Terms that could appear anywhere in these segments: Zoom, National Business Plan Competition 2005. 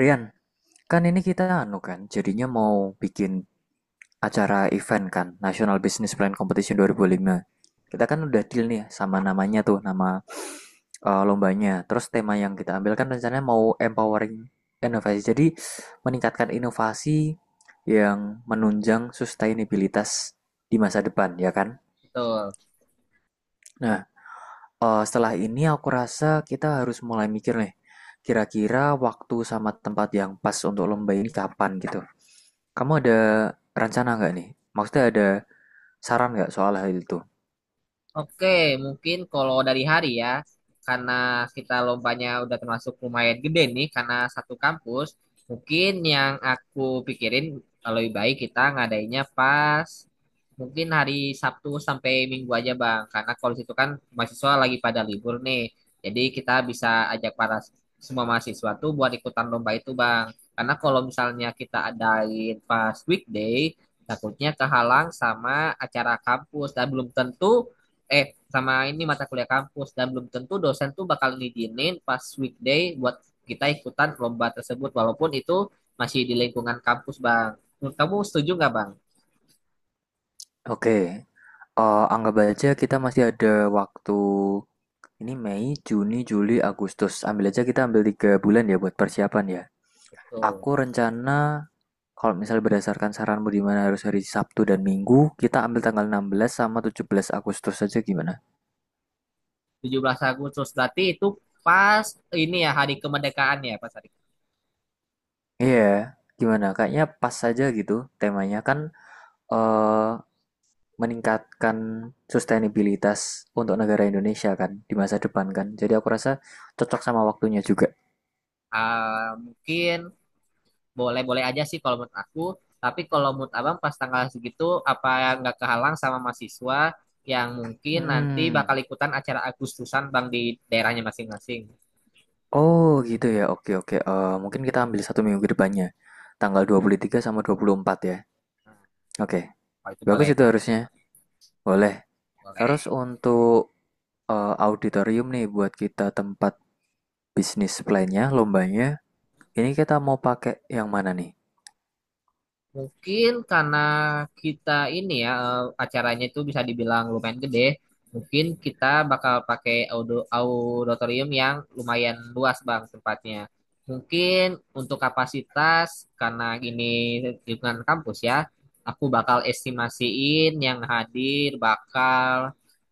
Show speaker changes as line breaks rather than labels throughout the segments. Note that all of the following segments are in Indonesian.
Rian, kan ini kita anu kan, jadinya mau bikin acara event kan, National Business Plan Competition 2005. Kita kan udah deal nih sama namanya tuh, nama lombanya. Terus tema yang kita ambil kan rencananya mau empowering inovasi. Jadi meningkatkan inovasi yang menunjang sustainabilitas di masa depan, ya kan?
Betul.
Nah, setelah ini aku rasa kita harus mulai mikir nih, kira-kira waktu sama tempat yang pas untuk lomba ini kapan gitu. Kamu ada rencana nggak nih? Maksudnya ada saran nggak soal hal itu?
Oke, mungkin kalau dari hari ya, karena kita lombanya udah termasuk lumayan gede nih, karena satu kampus, mungkin yang aku pikirin lebih baik kita ngadainnya pas mungkin hari Sabtu sampai Minggu aja Bang, karena kalau di situ kan mahasiswa lagi pada libur nih, jadi kita bisa ajak para semua mahasiswa tuh buat ikutan lomba itu Bang, karena kalau misalnya kita adain pas weekday, takutnya kehalang sama acara kampus dan belum tentu eh sama ini mata kuliah kampus dan belum tentu dosen tuh bakal ngizinin pas weekday buat kita ikutan lomba tersebut walaupun itu masih di lingkungan kampus bang. Menurut kamu setuju nggak bang?
Oke, anggap aja kita masih ada waktu ini Mei, Juni, Juli, Agustus. Ambil aja kita ambil 3 bulan ya buat persiapan ya.
Betul.
Aku rencana kalau misalnya berdasarkan saranmu di mana harus hari Sabtu dan Minggu, kita ambil tanggal 16 sama 17 Agustus saja gimana?
17 Agustus berarti itu pas ini ya hari kemerdekaan ya pas hari.
Iya, gimana? Kayaknya pas saja gitu temanya kan eh meningkatkan sustainabilitas untuk negara Indonesia kan di masa depan kan. Jadi aku rasa cocok sama waktunya juga.
Ah, mungkin boleh-boleh aja sih kalau menurut aku. Tapi kalau menurut abang pas tanggal segitu apa nggak kehalang sama mahasiswa yang mungkin nanti bakal
Hmm.
ikutan acara Agustusan bang di daerahnya masing-masing.
Oh gitu ya. Oke, oke. Mungkin kita ambil 1 minggu ke depannya. Tanggal 23 sama 24 ya. Oke.
Kalau itu
Bagus
boleh
itu
bang.
harusnya. Boleh.
Oke.
Terus untuk auditorium nih buat kita tempat bisnis plan-nya, lombanya. Ini kita mau pakai yang mana nih?
Mungkin karena kita ini ya acaranya itu bisa dibilang lumayan gede, mungkin kita bakal pakai auditorium yang lumayan luas Bang tempatnya. Mungkin untuk kapasitas karena ini lingkungan kampus ya, aku bakal estimasiin yang hadir bakal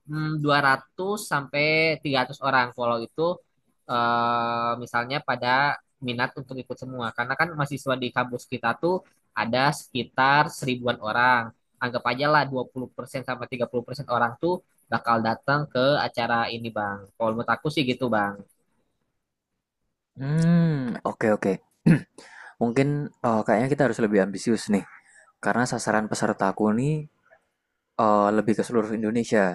200 sampai 300 orang kalau itu misalnya pada minat untuk ikut semua karena kan mahasiswa di kampus kita tuh ada sekitar 1.000-an orang. Anggap aja lah 20% sampai 30% orang tuh bakal datang ke acara ini, Bang. Kalau menurut aku sih gitu, Bang.
Hmm, oke, oke. Mungkin kayaknya kita harus lebih ambisius nih. Karena sasaran pesertaku nih lebih ke seluruh Indonesia.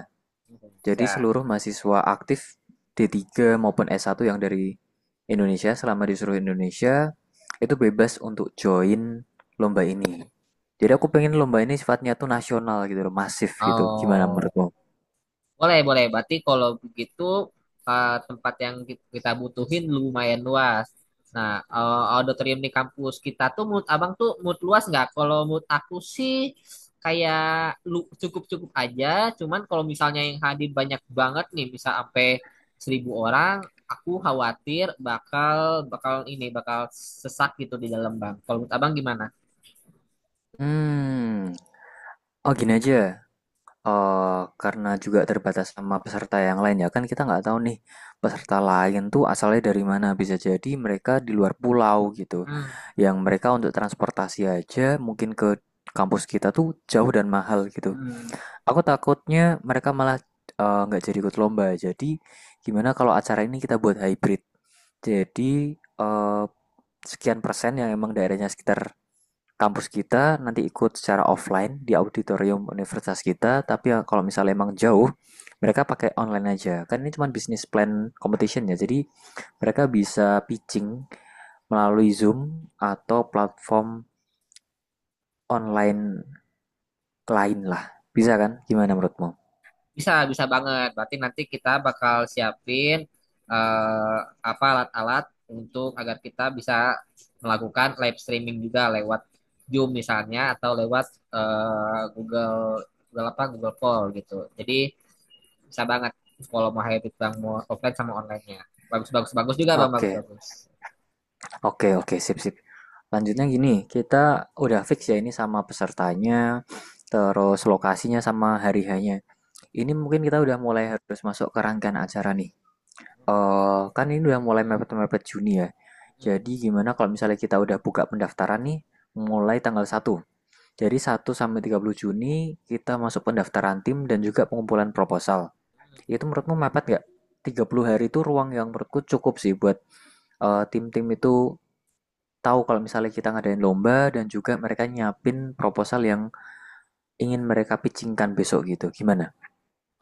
Jadi
Ya.
seluruh mahasiswa aktif d Tiga maupun S1 yang dari Indonesia selama di seluruh Indonesia itu bebas untuk join lomba ini. Jadi aku pengen lomba ini sifatnya tuh nasional gitu loh, masif gitu. Gimana
Oh.
menurutmu?
Boleh, boleh. Berarti kalau begitu tempat yang kita butuhin lumayan luas. Nah, auditorium di kampus kita tuh menurut abang tuh menurut luas nggak? Kalau menurut aku sih kayak lu cukup-cukup aja. Cuman kalau misalnya yang hadir banyak banget nih, misal sampai 1.000 orang, aku khawatir bakal bakal ini bakal sesak gitu di dalam bang. Kalau menurut abang gimana?
Hmm, oh gini aja. Karena juga terbatas sama peserta yang lain, ya kan, kita nggak tahu nih peserta lain tuh asalnya dari mana, bisa jadi mereka di luar pulau gitu
Mm-mm.
yang mereka untuk transportasi aja mungkin ke kampus kita tuh jauh dan mahal gitu.
Mm.
Aku takutnya mereka malah nggak jadi ikut lomba. Jadi gimana kalau acara ini kita buat hybrid? Jadi eh, sekian persen yang emang daerahnya sekitar kampus kita nanti ikut secara offline di auditorium universitas kita, tapi ya kalau misalnya emang jauh, mereka pakai online aja. Kan ini cuma business plan competition ya, jadi mereka bisa pitching melalui Zoom atau platform online lain lah. Bisa kan? Gimana menurutmu?
Bisa, bisa banget. Berarti nanti kita bakal siapin eh, apa alat-alat untuk agar kita bisa melakukan live streaming juga lewat Zoom misalnya atau lewat Google Google apa Google Call gitu. Jadi bisa banget kalau mau hybrid bang mau offline sama online-nya. Bagus bagus bagus juga bang bagus
Oke,
bagus.
oke, oke, sip, sip. Lanjutnya gini, kita udah fix ya ini sama pesertanya, terus lokasinya sama hari-harinya. Ini mungkin kita udah mulai harus masuk ke rangkaian acara nih.
Oke.
Kan ini udah mulai mepet-mepet Juni ya.
Hmm.
Jadi gimana kalau misalnya kita udah buka pendaftaran nih mulai tanggal 1. Jadi 1 sampai 30 Juni kita masuk pendaftaran tim dan juga pengumpulan proposal. Itu menurutmu mepet nggak? 30 hari itu ruang yang menurutku cukup sih buat tim-tim itu tahu kalau misalnya kita ngadain lomba dan juga mereka nyiapin proposal yang ingin mereka pitchingkan besok gitu. Gimana?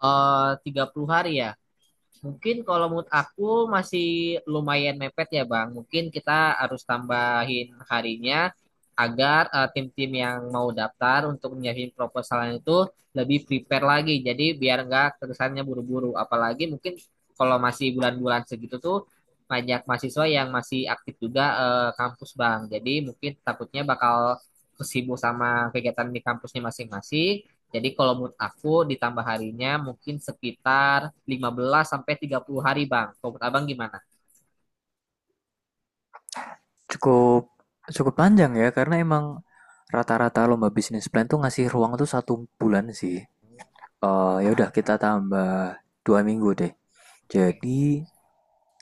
30 hari ya. Mungkin kalau menurut aku masih lumayan mepet ya Bang. Mungkin kita harus tambahin harinya agar tim-tim yang mau daftar untuk menyiapin proposalnya itu lebih prepare lagi. Jadi biar nggak terkesannya buru-buru. Apalagi mungkin kalau masih bulan-bulan segitu tuh banyak mahasiswa yang masih aktif juga kampus Bang. Jadi mungkin takutnya bakal sibuk sama kegiatan di kampusnya masing-masing. Jadi kalau menurut aku ditambah harinya mungkin sekitar 15 sampai 30 hari, Bang. Kalau menurut Abang gimana?
Cukup cukup panjang ya karena emang rata-rata lomba bisnis plan tuh ngasih ruang tuh 1 bulan sih. Ya udah kita tambah 2 minggu deh.
Oke,
Jadi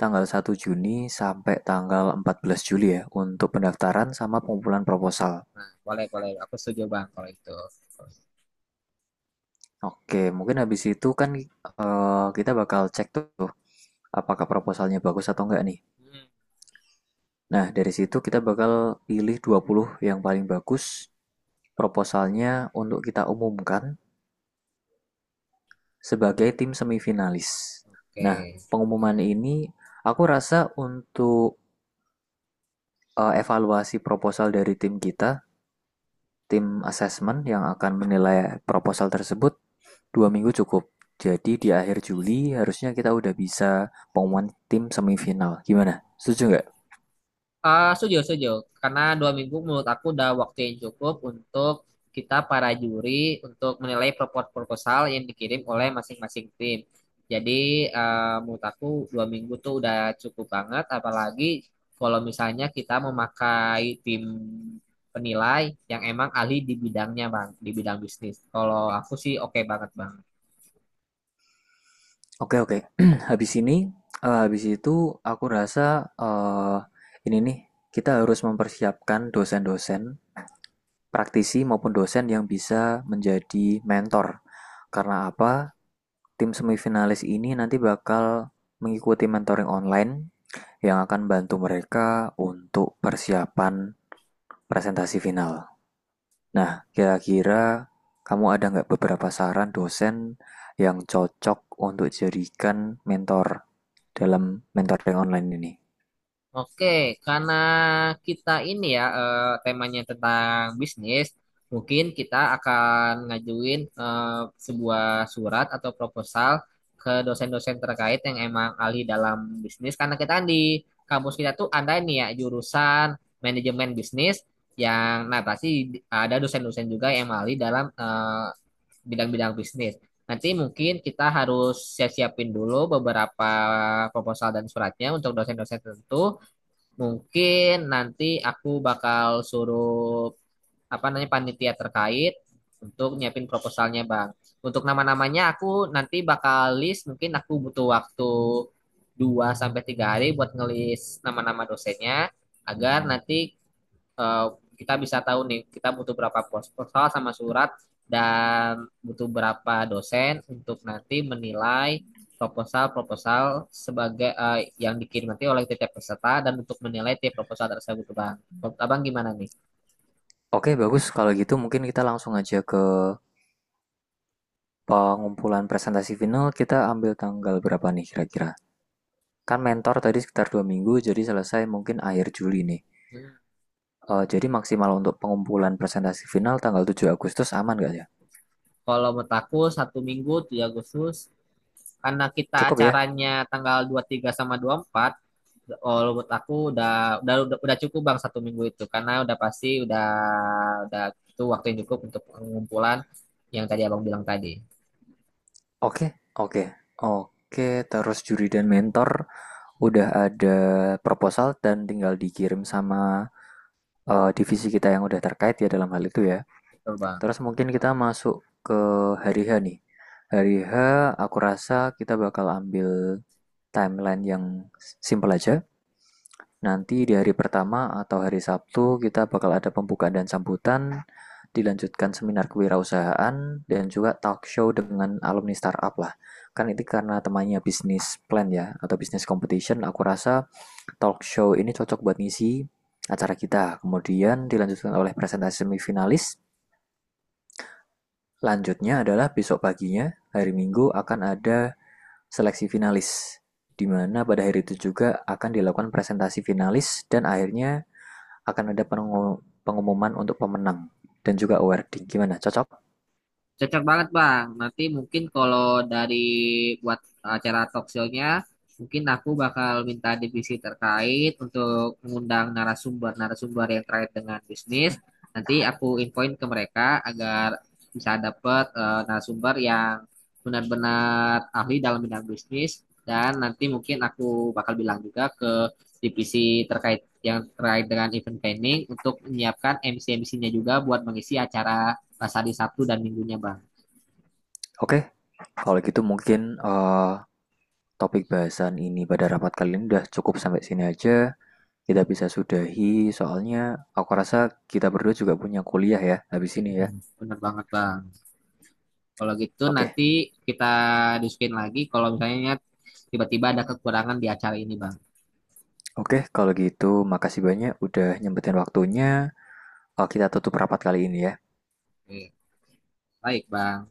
tanggal 1 Juni sampai tanggal 14 Juli ya untuk pendaftaran sama pengumpulan proposal.
boleh, boleh. Aku setuju, Bang, kalau itu.
Oke, mungkin habis itu kan kita bakal cek tuh apakah proposalnya bagus atau enggak nih.
Hmm.
Nah, dari situ kita bakal pilih 20 yang paling bagus proposalnya untuk kita umumkan sebagai tim semifinalis. Nah,
Oke.
pengumuman ini aku rasa untuk evaluasi proposal dari tim kita, tim assessment yang akan menilai proposal tersebut 2 minggu cukup. Jadi di akhir Juli harusnya kita udah bisa pengumuman tim semifinal. Gimana? Setuju nggak?
Ah, setuju, setuju. Karena 2 minggu menurut aku udah waktu yang cukup untuk kita para juri untuk menilai proposal proposal yang dikirim oleh masing-masing tim. Jadi, menurut aku 2 minggu tuh udah cukup banget. Apalagi kalau misalnya kita memakai tim penilai yang emang ahli di bidangnya, Bang, di bidang bisnis. Kalau aku sih oke banget, Bang.
Oke, oke. Habis ini, habis itu aku rasa ini nih kita harus mempersiapkan dosen-dosen praktisi maupun dosen yang bisa menjadi mentor. Karena apa? Tim semifinalis ini nanti bakal mengikuti mentoring online yang akan bantu mereka untuk persiapan presentasi final. Nah, kira-kira kamu ada nggak beberapa saran dosen yang cocok untuk jadikan mentor dalam mentoring online ini?
Oke, karena kita ini ya temanya tentang bisnis, mungkin kita akan ngajuin sebuah surat atau proposal ke dosen-dosen terkait yang emang ahli dalam bisnis. Karena kita kan di kampus kita tuh ada nih ya jurusan manajemen bisnis yang nah pasti ada dosen-dosen juga yang emang ahli dalam bidang-bidang bisnis. Nanti mungkin kita harus siap-siapin dulu beberapa proposal dan suratnya untuk dosen-dosen tertentu. Mungkin nanti aku bakal suruh apa namanya panitia terkait untuk nyiapin proposalnya, Bang. Untuk nama-namanya aku nanti bakal list, mungkin aku butuh waktu 2 sampai 3 hari buat ngelis nama-nama dosennya agar nanti eh, kita bisa tahu nih kita butuh berapa pos proposal sama surat dan butuh berapa dosen untuk nanti menilai proposal-proposal sebagai yang dikirim nanti oleh tiap peserta dan untuk menilai tiap proposal tersebut bang. Menurut abang gimana nih?
Oke, bagus. Kalau gitu mungkin kita langsung aja ke pengumpulan presentasi final. Kita ambil tanggal berapa nih kira-kira? Kan mentor tadi sekitar 2 minggu, jadi selesai mungkin akhir Juli nih.
Hmm.
Jadi maksimal untuk pengumpulan presentasi final tanggal 7 Agustus aman gak ya?
Kalau menurut aku 1 minggu 3 Agustus karena kita
Cukup ya?
acaranya tanggal 23 sama 24. Kalau menurut aku udah udah cukup bang 1 minggu itu karena udah pasti udah itu waktu yang cukup untuk pengumpulan yang tadi abang bilang tadi.
Oke, oke, oke. Terus juri dan mentor udah ada proposal dan tinggal dikirim sama divisi kita yang udah terkait ya dalam hal itu ya.
Betul bang.
Terus mungkin kita masuk ke hari H nih. Hari H aku rasa kita bakal ambil timeline yang simple aja. Nanti di hari pertama atau hari Sabtu kita bakal ada pembukaan dan sambutan, dilanjutkan seminar kewirausahaan, dan juga talk show dengan alumni startup lah. Kan itu karena temanya bisnis plan ya, atau bisnis competition, aku rasa talk show ini cocok buat ngisi acara kita. Kemudian dilanjutkan oleh presentasi semifinalis. Lanjutnya adalah besok paginya, hari Minggu akan ada seleksi finalis, di mana pada hari itu juga akan dilakukan presentasi finalis dan akhirnya akan ada pengumuman untuk pemenang dan juga awarding. Gimana? Cocok?
Cocok banget Bang. Nanti mungkin kalau dari buat acara talk show-nya, mungkin aku bakal minta divisi terkait untuk mengundang narasumber-narasumber yang terkait dengan bisnis. Nanti aku infoin ke mereka agar bisa dapat narasumber yang benar-benar ahli dalam bidang bisnis. Dan nanti mungkin aku bakal bilang juga ke divisi terkait yang terkait dengan event planning untuk menyiapkan MC-MC-nya juga buat mengisi acara pas hari Sabtu dan Minggunya, Bang.
Oke. Kalau gitu mungkin topik bahasan ini pada rapat kali ini udah cukup sampai sini aja. Kita bisa sudahi soalnya aku rasa kita berdua juga punya kuliah ya habis ini ya.
Bener banget bang. Kalau gitu
Oke.
nanti kita diskusin lagi kalau misalnya tiba-tiba ada kekurangan di acara ini bang.
Oke, kalau gitu makasih banyak udah nyempetin waktunya. Kita tutup rapat kali ini ya.
Oke. Baik bang.